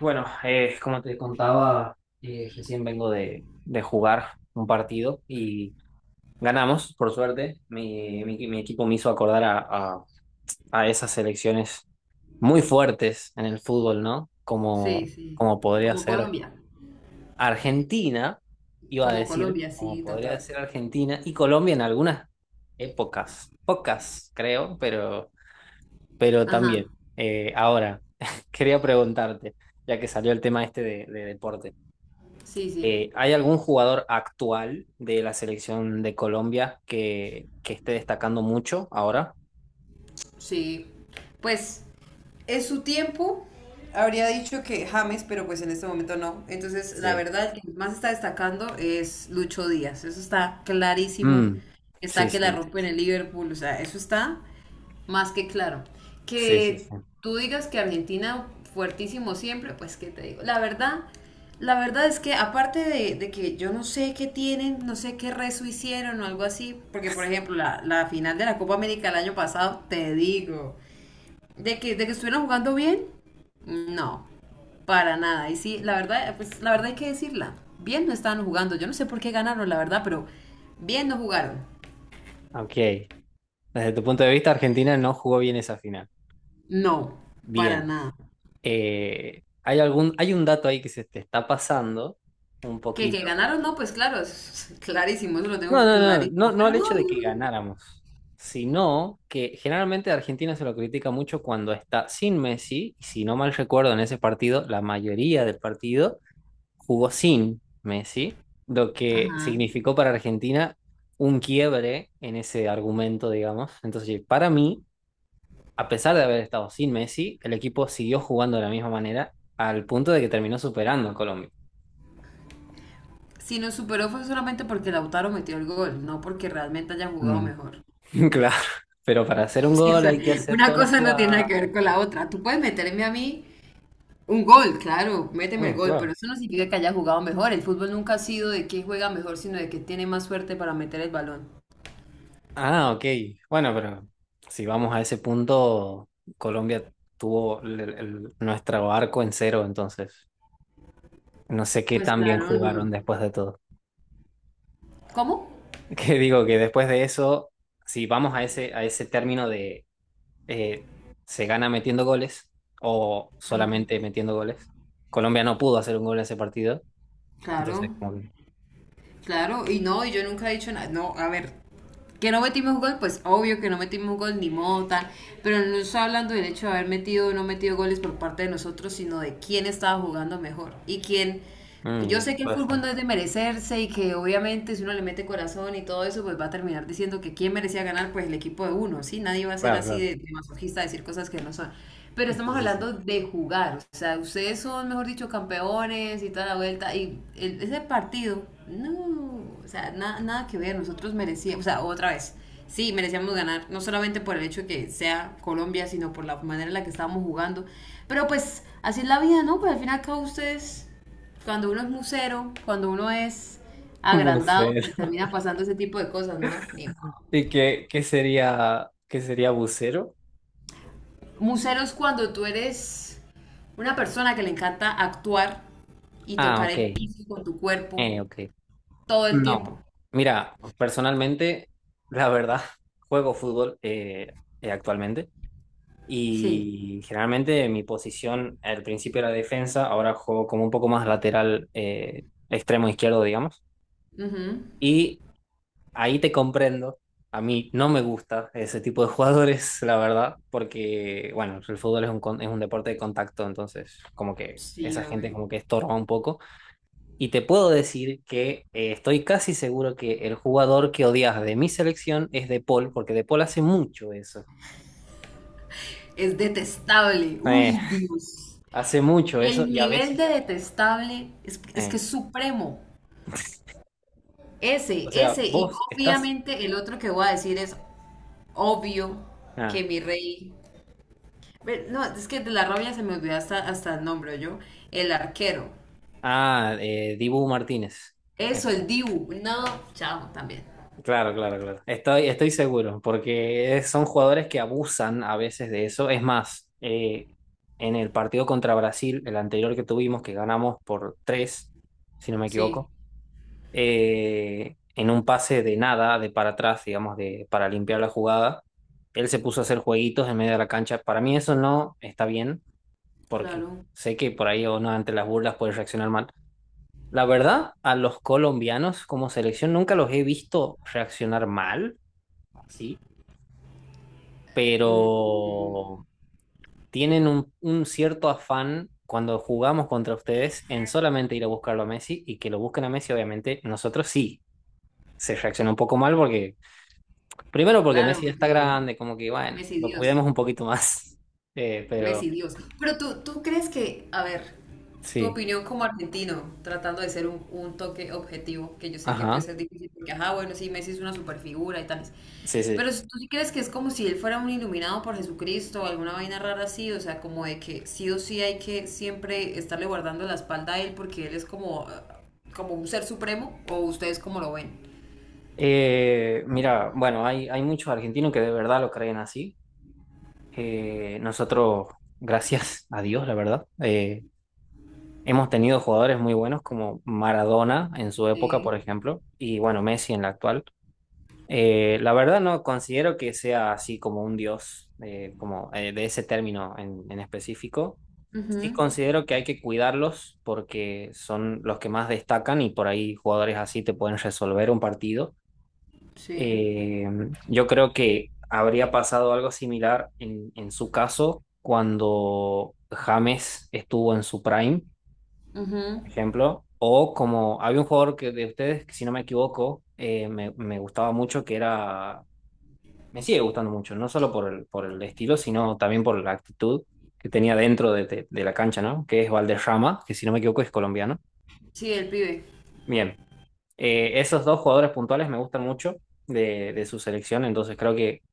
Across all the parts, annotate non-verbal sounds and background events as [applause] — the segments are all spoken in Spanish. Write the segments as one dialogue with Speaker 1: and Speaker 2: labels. Speaker 1: Bueno, como te contaba, recién vengo de jugar un partido y ganamos, por suerte. Mi equipo me hizo acordar a- a esas selecciones muy fuertes en el fútbol, ¿no?
Speaker 2: Sí,
Speaker 1: Como,
Speaker 2: sí.
Speaker 1: como podría
Speaker 2: Como
Speaker 1: ser
Speaker 2: Colombia.
Speaker 1: Argentina, iba a
Speaker 2: Como
Speaker 1: decir,
Speaker 2: Colombia,
Speaker 1: como
Speaker 2: sí,
Speaker 1: podría
Speaker 2: total.
Speaker 1: ser Argentina y Colombia en algunas épocas, pocas creo, pero
Speaker 2: Ajá.
Speaker 1: también. Ahora, [laughs] quería preguntarte, ya que salió el tema este de deporte.
Speaker 2: Sí, sí.
Speaker 1: ¿Hay algún jugador actual de la selección de Colombia que esté destacando mucho ahora?
Speaker 2: Sí. Pues en su tiempo habría dicho que James, pero pues en este momento no. Entonces, la
Speaker 1: Sí.
Speaker 2: verdad, el que más está destacando es Lucho Díaz. Eso está clarísimo.
Speaker 1: Mm, sí,
Speaker 2: Está que la
Speaker 1: sí,
Speaker 2: rompe en el Liverpool. O sea, eso está más que claro.
Speaker 1: sí, sí,
Speaker 2: Que
Speaker 1: sí.
Speaker 2: tú digas que Argentina fuertísimo siempre, pues qué te digo. La verdad, es que aparte de que yo no sé qué tienen, no sé qué rezo hicieron o algo así, porque por ejemplo la final de la Copa América el año pasado, te digo, de que estuvieron jugando bien, no, para nada. Y sí, la verdad, pues la verdad hay que decirla, bien no estaban jugando, yo no sé por qué ganaron, la verdad, pero bien no jugaron,
Speaker 1: Ok. Desde tu punto de vista, Argentina no jugó bien esa final.
Speaker 2: no, para
Speaker 1: Bien.
Speaker 2: nada.
Speaker 1: Hay un dato ahí que se te está pasando un
Speaker 2: Que
Speaker 1: poquito.
Speaker 2: ganaron, no, pues claro, es [laughs] clarísimo, eso lo tengo
Speaker 1: No, no, no, no,
Speaker 2: clarísimo.
Speaker 1: no al
Speaker 2: Pero
Speaker 1: hecho
Speaker 2: no,
Speaker 1: de
Speaker 2: yo
Speaker 1: que
Speaker 2: no-.
Speaker 1: ganáramos, sino que generalmente a Argentina se lo critica mucho cuando está sin Messi, y si no mal recuerdo en ese partido, la mayoría del partido jugó sin Messi, lo que
Speaker 2: Ajá.
Speaker 1: significó para Argentina un quiebre en ese argumento, digamos. Entonces, para mí, a pesar de haber estado sin Messi, el equipo siguió jugando de la misma manera al punto de que terminó superando a Colombia.
Speaker 2: Si nos superó fue solamente porque Lautaro metió el gol, no porque realmente hayan jugado
Speaker 1: Mm.
Speaker 2: mejor. [laughs]
Speaker 1: [laughs] Claro, pero para hacer un
Speaker 2: Sí, o
Speaker 1: gol
Speaker 2: sea,
Speaker 1: hay que hacer
Speaker 2: una
Speaker 1: todos los
Speaker 2: cosa no tiene nada
Speaker 1: jugadas.
Speaker 2: que ver con la otra. Tú puedes meterme a mí un gol, claro, méteme el
Speaker 1: Mm,
Speaker 2: gol, pero
Speaker 1: claro.
Speaker 2: eso no significa que haya jugado mejor. El fútbol nunca ha sido de quién juega mejor, sino de quién tiene más suerte para meter el balón.
Speaker 1: Ah, ok. Bueno, pero si vamos a ese punto, Colombia tuvo nuestro arco en 0, entonces no sé qué
Speaker 2: Pues
Speaker 1: tan bien
Speaker 2: claro,
Speaker 1: jugaron
Speaker 2: no.
Speaker 1: después de todo.
Speaker 2: ¿Cómo?
Speaker 1: [laughs] Que digo que después de eso, si vamos a ese término de eh, se gana metiendo goles o solamente metiendo goles, Colombia no pudo hacer un gol en ese partido.
Speaker 2: Claro,
Speaker 1: Entonces, como que,
Speaker 2: claro, y no, y yo nunca he dicho nada. No, a ver, que no metimos gol, pues obvio que no metimos gol ni mota, pero no estoy hablando del hecho de haber metido o no metido goles por parte de nosotros, sino de quién estaba jugando mejor y quién...
Speaker 1: mm,
Speaker 2: Yo
Speaker 1: me
Speaker 2: sé que el fútbol
Speaker 1: pasa.
Speaker 2: no es de merecerse y que obviamente si uno le mete corazón y todo eso, pues va a terminar diciendo que quién merecía ganar, pues el equipo de uno, ¿sí? Nadie va a ser
Speaker 1: Claro,
Speaker 2: así
Speaker 1: claro.
Speaker 2: de,
Speaker 1: [laughs]
Speaker 2: de masoquista, decir cosas que no son. Pero
Speaker 1: Sí,
Speaker 2: estamos
Speaker 1: sí, sí.
Speaker 2: hablando de jugar, o sea, ustedes son, mejor dicho, campeones y toda la vuelta, y el- ese partido, no, o sea, na- nada que ver, nosotros merecíamos, o sea, otra vez, sí, merecíamos ganar, no solamente por el hecho de que sea Colombia, sino por la manera en la que estábamos jugando, pero pues así es la vida, ¿no? Pues al final acá ustedes, cuando uno es musero, cuando uno es agrandado, pues
Speaker 1: Bucero. [laughs]
Speaker 2: termina pasando ese tipo de cosas, ¿no? Ni
Speaker 1: ¿Y qué sería, qué sería bucero?
Speaker 2: museros cuando tú eres una persona que le encanta actuar y
Speaker 1: Ah,
Speaker 2: tocar
Speaker 1: ok.
Speaker 2: el piso con tu cuerpo
Speaker 1: Ok.
Speaker 2: todo el
Speaker 1: No.
Speaker 2: tiempo.
Speaker 1: Mira, personalmente, la verdad, [laughs] juego fútbol actualmente.
Speaker 2: Sí.
Speaker 1: Y generalmente mi posición al principio era defensa, ahora juego como un poco más lateral, extremo izquierdo, digamos.
Speaker 2: Ujú.
Speaker 1: Y ahí te comprendo. A mí no me gusta ese tipo de [laughs] jugadores, la verdad, porque, bueno, el fútbol es es un deporte de contacto, entonces como que
Speaker 2: Sí,
Speaker 1: esa gente
Speaker 2: obvio.
Speaker 1: como que estorba un poco. Y te puedo decir que estoy casi seguro que el jugador que odias de mi selección es De Paul, porque De Paul hace mucho eso.
Speaker 2: Es detestable.
Speaker 1: Eh,
Speaker 2: Uy, Dios.
Speaker 1: hace mucho eso
Speaker 2: El
Speaker 1: y a
Speaker 2: nivel
Speaker 1: veces...
Speaker 2: de detestable es que
Speaker 1: eh,
Speaker 2: es supremo.
Speaker 1: O
Speaker 2: Ese,
Speaker 1: sea,
Speaker 2: ese. Y
Speaker 1: vos estás.
Speaker 2: obviamente el otro que voy a decir es obvio que
Speaker 1: Ah,
Speaker 2: mi rey. Ve, no, es que de la rabia se me olvidó hasta, hasta el nombre, yo. El arquero.
Speaker 1: Dibu Martínez. Eh,
Speaker 2: Eso, el Dibu. No, chao, también.
Speaker 1: Claro, claro, claro. Estoy, estoy seguro, porque son jugadores que abusan a veces de eso. Es más, en el partido contra Brasil, el anterior que tuvimos, que ganamos por 3, si no me
Speaker 2: Sí,
Speaker 1: equivoco, en un pase de nada, de para atrás, digamos, de, para limpiar la jugada, él se puso a hacer jueguitos en medio de la cancha. Para mí eso no está bien, porque
Speaker 2: claro.
Speaker 1: sé que por ahí o no ante las burlas puede reaccionar mal. La verdad, a los colombianos como selección nunca los he visto reaccionar mal, así,
Speaker 2: Mm,
Speaker 1: pero tienen un cierto afán cuando jugamos contra ustedes en solamente ir a buscarlo a Messi y que lo busquen a Messi, obviamente, nosotros sí. Se reacciona un poco mal porque, primero porque
Speaker 2: claro,
Speaker 1: Messi ya está
Speaker 2: porque
Speaker 1: grande, como que, bueno,
Speaker 2: Messi
Speaker 1: lo
Speaker 2: Dios,
Speaker 1: cuidemos un poquito más. [laughs] Pero
Speaker 2: Messi Dios. Pero tú crees que, a ver, tu
Speaker 1: sí,
Speaker 2: opinión como argentino, tratando de ser un toque objetivo, que yo sé que puede
Speaker 1: ajá,
Speaker 2: ser difícil, porque, ajá, bueno, sí, Messi es una superfigura y tales.
Speaker 1: sí, sí.
Speaker 2: Pero si tú sí crees que es como si él fuera un iluminado por Jesucristo o alguna vaina rara así, o sea, como de que sí o sí hay que siempre estarle guardando la espalda a él porque él es como, ah, como un ser supremo, o ustedes cómo lo ven.
Speaker 1: Mira, bueno, hay muchos argentinos que de verdad lo creen así. Nosotros, gracias a Dios, la verdad, hemos tenido jugadores muy buenos como Maradona en su época, por
Speaker 2: Sí.
Speaker 1: ejemplo, y bueno, Messi en la actual. La verdad no considero que sea así como un dios, como de ese término en específico. Sí
Speaker 2: Ujú.
Speaker 1: considero que hay que cuidarlos porque son los que más destacan y por ahí jugadores así te pueden resolver un partido.
Speaker 2: Sí.
Speaker 1: Eh, yo creo que habría pasado algo similar en su caso cuando James estuvo en su prime,
Speaker 2: Ujú.
Speaker 1: por ejemplo, o como había un jugador que de ustedes, que si no me equivoco, me gustaba mucho, que era, me sigue gustando mucho, no solo por el estilo, sino también por la actitud que tenía dentro de la cancha, ¿no? Que es Valderrama, que si no me equivoco es colombiano.
Speaker 2: Sí, el pibe.
Speaker 1: Bien. Esos dos jugadores puntuales me gustan mucho de su selección, entonces creo que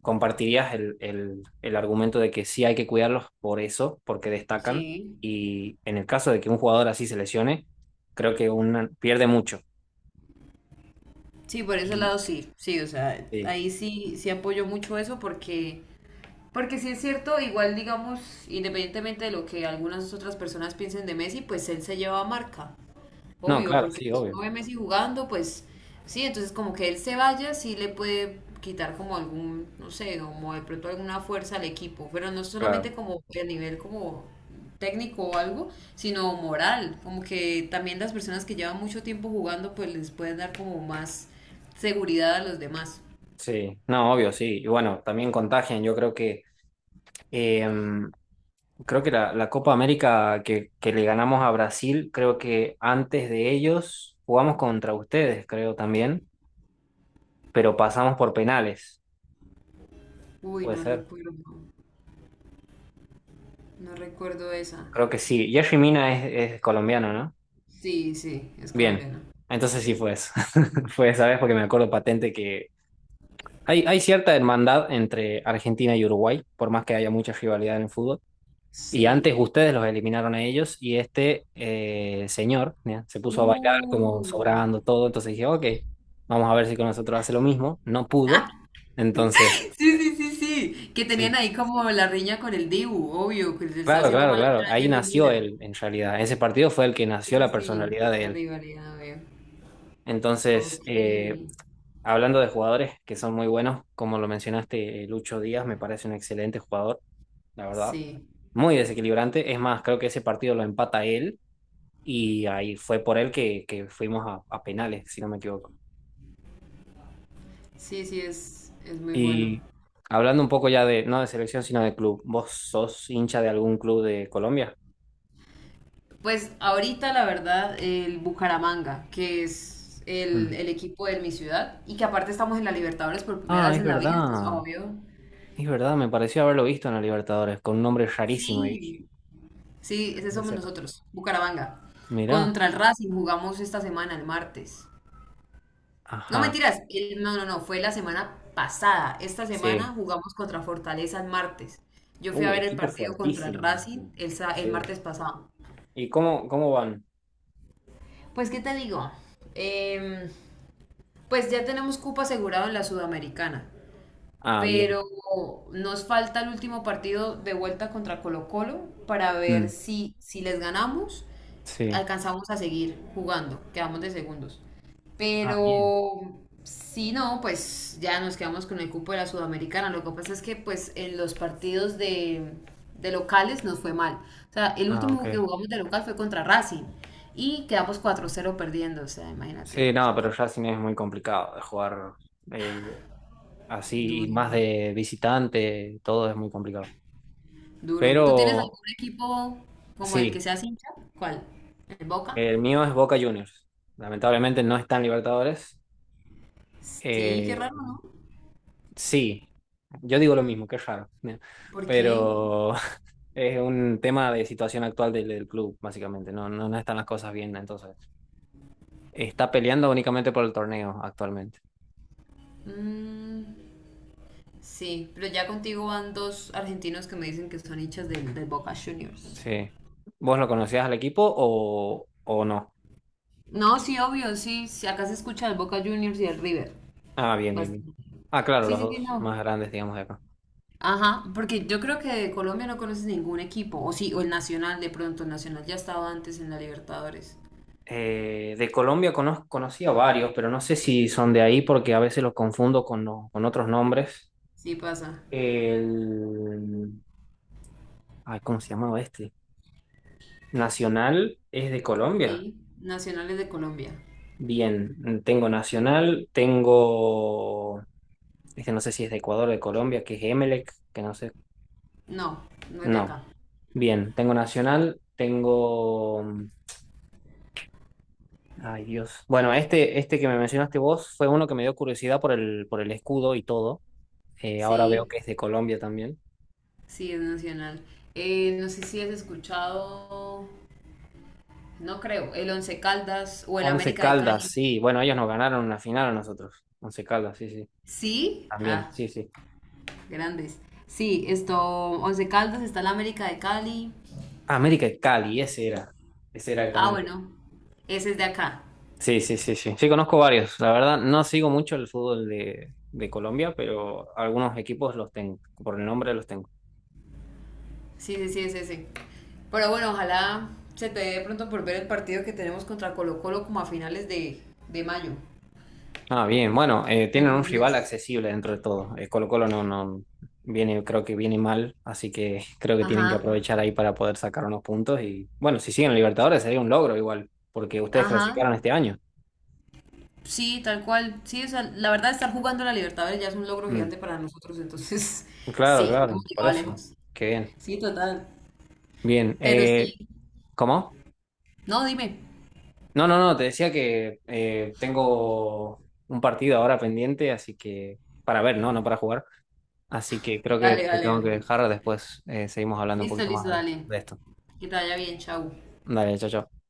Speaker 1: compartirías el argumento de que sí hay que cuidarlos por eso, porque destacan.
Speaker 2: Sí.
Speaker 1: Y en el caso de que un jugador así se lesione, creo que una, pierde mucho.
Speaker 2: Sí, por ese
Speaker 1: Y
Speaker 2: lado sí. Sí, o sea,
Speaker 1: sí.
Speaker 2: ahí sí, sí apoyo mucho eso porque, porque sí es cierto, igual digamos, independientemente de lo que algunas otras personas piensen de Messi, pues él se lleva marca.
Speaker 1: No,
Speaker 2: Obvio,
Speaker 1: claro,
Speaker 2: porque
Speaker 1: sí,
Speaker 2: pues,
Speaker 1: obvio.
Speaker 2: uno ve a Messi jugando, pues sí, entonces como que él se vaya, sí le puede quitar como algún, no sé, como de pronto alguna fuerza al equipo, pero no
Speaker 1: Claro.
Speaker 2: solamente como a nivel como técnico o algo, sino moral, como que también las personas que llevan mucho tiempo jugando, pues les pueden dar como más seguridad a los demás.
Speaker 1: Sí, no, obvio, sí. Y bueno, también contagian. Yo eh, creo que la Copa América que le ganamos a Brasil, creo que antes de ellos jugamos contra ustedes, creo también. Pero pasamos por penales.
Speaker 2: Uy,
Speaker 1: Puede
Speaker 2: no
Speaker 1: ser.
Speaker 2: recuerdo, no recuerdo esa.
Speaker 1: Creo que sí. Jerry Mina es colombiano, ¿no?
Speaker 2: Sí, sí, es
Speaker 1: Bien.
Speaker 2: colombiana.
Speaker 1: Entonces sí fue eso. [laughs] Fue esa vez porque me acuerdo patente que hay cierta hermandad entre Argentina y Uruguay, por más que haya mucha rivalidad en el fútbol. Y
Speaker 2: Sí.
Speaker 1: antes ustedes los eliminaron a ellos y este señor ¿ya? se puso a bailar como
Speaker 2: Uh.
Speaker 1: sobrando todo. Entonces dije, ok, vamos a ver si con nosotros hace lo mismo. No pudo.
Speaker 2: [laughs]
Speaker 1: Entonces...
Speaker 2: Sí, sí, sí, sí. Que tenían
Speaker 1: Sí.
Speaker 2: ahí como la riña con el Dibu, obvio, que le estaba
Speaker 1: Claro,
Speaker 2: haciendo
Speaker 1: claro,
Speaker 2: mala
Speaker 1: claro.
Speaker 2: cara a
Speaker 1: Ahí
Speaker 2: Jerry
Speaker 1: nació
Speaker 2: Mina.
Speaker 1: él, en realidad. Ese partido fue el que
Speaker 2: Sí,
Speaker 1: nació
Speaker 2: sí,
Speaker 1: la
Speaker 2: sí,
Speaker 1: personalidad de
Speaker 2: la
Speaker 1: él.
Speaker 2: rivalidad, veo.
Speaker 1: Entonces,
Speaker 2: Ok,
Speaker 1: hablando de jugadores que son muy buenos, como lo mencionaste, Lucho Díaz me parece un excelente jugador, la verdad.
Speaker 2: sí,
Speaker 1: Muy desequilibrante. Es más, creo que ese partido lo empata él y ahí fue por él que fuimos a penales, si no me equivoco.
Speaker 2: sí, sí, es muy bueno.
Speaker 1: Y hablando un poco ya de, no de selección, sino de club. ¿Vos sos hincha de algún club de Colombia?
Speaker 2: Pues ahorita, la verdad, el Bucaramanga, que es el,
Speaker 1: Mm.
Speaker 2: el equipo de mi ciudad, y que aparte estamos en la Libertadores por primera
Speaker 1: Ah,
Speaker 2: vez
Speaker 1: es
Speaker 2: en la vida, entonces,
Speaker 1: verdad.
Speaker 2: obvio.
Speaker 1: Es verdad, me pareció haberlo visto en la Libertadores, con un nombre rarísimo. Y
Speaker 2: Sí,
Speaker 1: dije,
Speaker 2: sí,
Speaker 1: "No
Speaker 2: ese
Speaker 1: puede
Speaker 2: somos
Speaker 1: ser".
Speaker 2: nosotros, Bucaramanga.
Speaker 1: Mirá,
Speaker 2: Contra el Racing jugamos esta semana, el martes. No
Speaker 1: ajá,
Speaker 2: mentiras, el- no, no, no, fue la semana pasada. Esta semana
Speaker 1: sí.
Speaker 2: jugamos contra Fortaleza el martes. Yo fui a
Speaker 1: Uy,
Speaker 2: ver el
Speaker 1: equipo
Speaker 2: partido contra el
Speaker 1: fuertísimo.
Speaker 2: Racing el, sa- el
Speaker 1: Sí.
Speaker 2: martes pasado.
Speaker 1: ¿Y cómo, cómo van?
Speaker 2: Pues, ¿qué te digo? Em, pues ya tenemos cupo asegurado en la Sudamericana.
Speaker 1: Ah,
Speaker 2: Pero
Speaker 1: bien.
Speaker 2: nos falta el último partido de vuelta contra Colo-Colo para ver
Speaker 1: Mm,
Speaker 2: si, si les ganamos,
Speaker 1: sí.
Speaker 2: alcanzamos a seguir jugando, quedamos de segundos.
Speaker 1: Ah, bien.
Speaker 2: Pero si no, pues ya nos quedamos con el cupo de la Sudamericana. Lo que pasa es que pues en los partidos de locales nos fue mal. O sea, el
Speaker 1: Ah, ok.
Speaker 2: último que jugamos de local fue contra Racing y quedamos 4-0 perdiendo. O sea, imagínate,
Speaker 1: Sí,
Speaker 2: o
Speaker 1: no,
Speaker 2: sea,
Speaker 1: pero
Speaker 2: por-
Speaker 1: Racing es muy complicado de jugar eh, así, y
Speaker 2: duro.
Speaker 1: más de visitante, todo es muy complicado.
Speaker 2: Duro. ¿Tú tienes
Speaker 1: Pero
Speaker 2: algún equipo como el que
Speaker 1: sí,
Speaker 2: seas hincha? ¿Cuál? ¿El Boca?
Speaker 1: el mío es Boca Juniors. Lamentablemente no está en Libertadores.
Speaker 2: Sí, qué
Speaker 1: Eh,
Speaker 2: raro, ¿no?
Speaker 1: sí. Yo digo lo mismo, qué raro. ¿No?
Speaker 2: ¿Por qué?
Speaker 1: Pero [laughs] es un tema de situación actual del club, básicamente. No, no, no están las cosas bien, entonces. Está peleando únicamente por el torneo actualmente.
Speaker 2: Mm, sí, pero ya contigo van dos argentinos que me dicen que son hinchas del Boca Juniors.
Speaker 1: Sí. ¿Vos lo conocías al equipo o no?
Speaker 2: No, sí, obvio, sí, sí, acá se escucha el Boca Juniors y el River.
Speaker 1: Ah, bien, bien, bien.
Speaker 2: Bastante.
Speaker 1: Ah, claro,
Speaker 2: Sí,
Speaker 1: los
Speaker 2: sí, sí,
Speaker 1: dos
Speaker 2: no.
Speaker 1: más grandes, digamos, de acá.
Speaker 2: Ajá, porque yo creo que de Colombia no conoces ningún equipo, o sí, o el Nacional de pronto, el Nacional ya estaba antes en la Libertadores.
Speaker 1: De Colombia conozco, conocí a varios, pero no sé si son de ahí porque a veces los confundo con otros nombres.
Speaker 2: Sí, pasa.
Speaker 1: El... Ay, ¿cómo se llamaba este? Nacional es de Colombia.
Speaker 2: Sí, Nacionales de Colombia.
Speaker 1: Bien, tengo Nacional, tengo, este no sé si es de Ecuador o de Colombia, que es Emelec, que no sé.
Speaker 2: No, no es de
Speaker 1: No,
Speaker 2: acá.
Speaker 1: bien, tengo Nacional, tengo... mm, Ay, Dios. Bueno, este que me mencionaste vos fue uno que me dio curiosidad por el escudo y todo. Ahora veo
Speaker 2: Sí,
Speaker 1: que es de Colombia también.
Speaker 2: sí, es nacional. No sé si has escuchado, no creo, el Once Caldas o el
Speaker 1: Once
Speaker 2: América de
Speaker 1: Caldas,
Speaker 2: Cali.
Speaker 1: sí. Bueno, ellos nos ganaron una final a nosotros. Once Caldas, sí, sí.
Speaker 2: Sí,
Speaker 1: También,
Speaker 2: ah,
Speaker 1: sí, sí.
Speaker 2: grandes. Sí, esto, Once Caldas, está el América de Cali.
Speaker 1: Ah, América de Cali, ese era. Ese era
Speaker 2: Ah,
Speaker 1: también.
Speaker 2: bueno, ese es de acá.
Speaker 1: Sí, sí, sí, sí. Sí, conozco varios. La verdad, no sigo mucho el fútbol de Colombia, pero algunos equipos los tengo. Por el nombre los tengo.
Speaker 2: Sí, sí, sí, es ese. Pero bueno, ojalá se te dé pronto por ver el partido que tenemos contra Colo Colo como a finales de mayo.
Speaker 1: Ah, bien. Bueno,
Speaker 2: Para
Speaker 1: tienen
Speaker 2: que lo
Speaker 1: un rival
Speaker 2: mires.
Speaker 1: accesible dentro de todo. Colo-Colo no, no viene, creo que viene mal, así que [laughs] creo que tienen que
Speaker 2: Ajá,
Speaker 1: aprovechar ahí para poder sacar unos puntos. Y bueno, si siguen Libertadores sería un logro igual, porque ustedes clasificaron
Speaker 2: ajá.
Speaker 1: este año.
Speaker 2: Sí, tal cual. Sí, o sea, la verdad, estar jugando la Libertadores ya es un logro
Speaker 1: Mm.
Speaker 2: gigante para nosotros. Entonces, [laughs]
Speaker 1: Claro,
Speaker 2: sí, hemos
Speaker 1: claro, por
Speaker 2: llegado
Speaker 1: eso.
Speaker 2: lejos.
Speaker 1: Qué bien.
Speaker 2: Sí, total.
Speaker 1: Bien.
Speaker 2: Pero sí,
Speaker 1: ¿Cómo?
Speaker 2: no, dime.
Speaker 1: No, no, no, te decía que tengo un partido ahora pendiente, así que para ver, ¿no? No para jugar. Así que creo que
Speaker 2: Dale,
Speaker 1: te
Speaker 2: dale,
Speaker 1: tengo que
Speaker 2: dale.
Speaker 1: dejar, después seguimos hablando un
Speaker 2: Listo,
Speaker 1: poquito
Speaker 2: listo,
Speaker 1: más
Speaker 2: dale.
Speaker 1: de esto.
Speaker 2: Que te vaya bien, chau.
Speaker 1: Dale, chao, chao.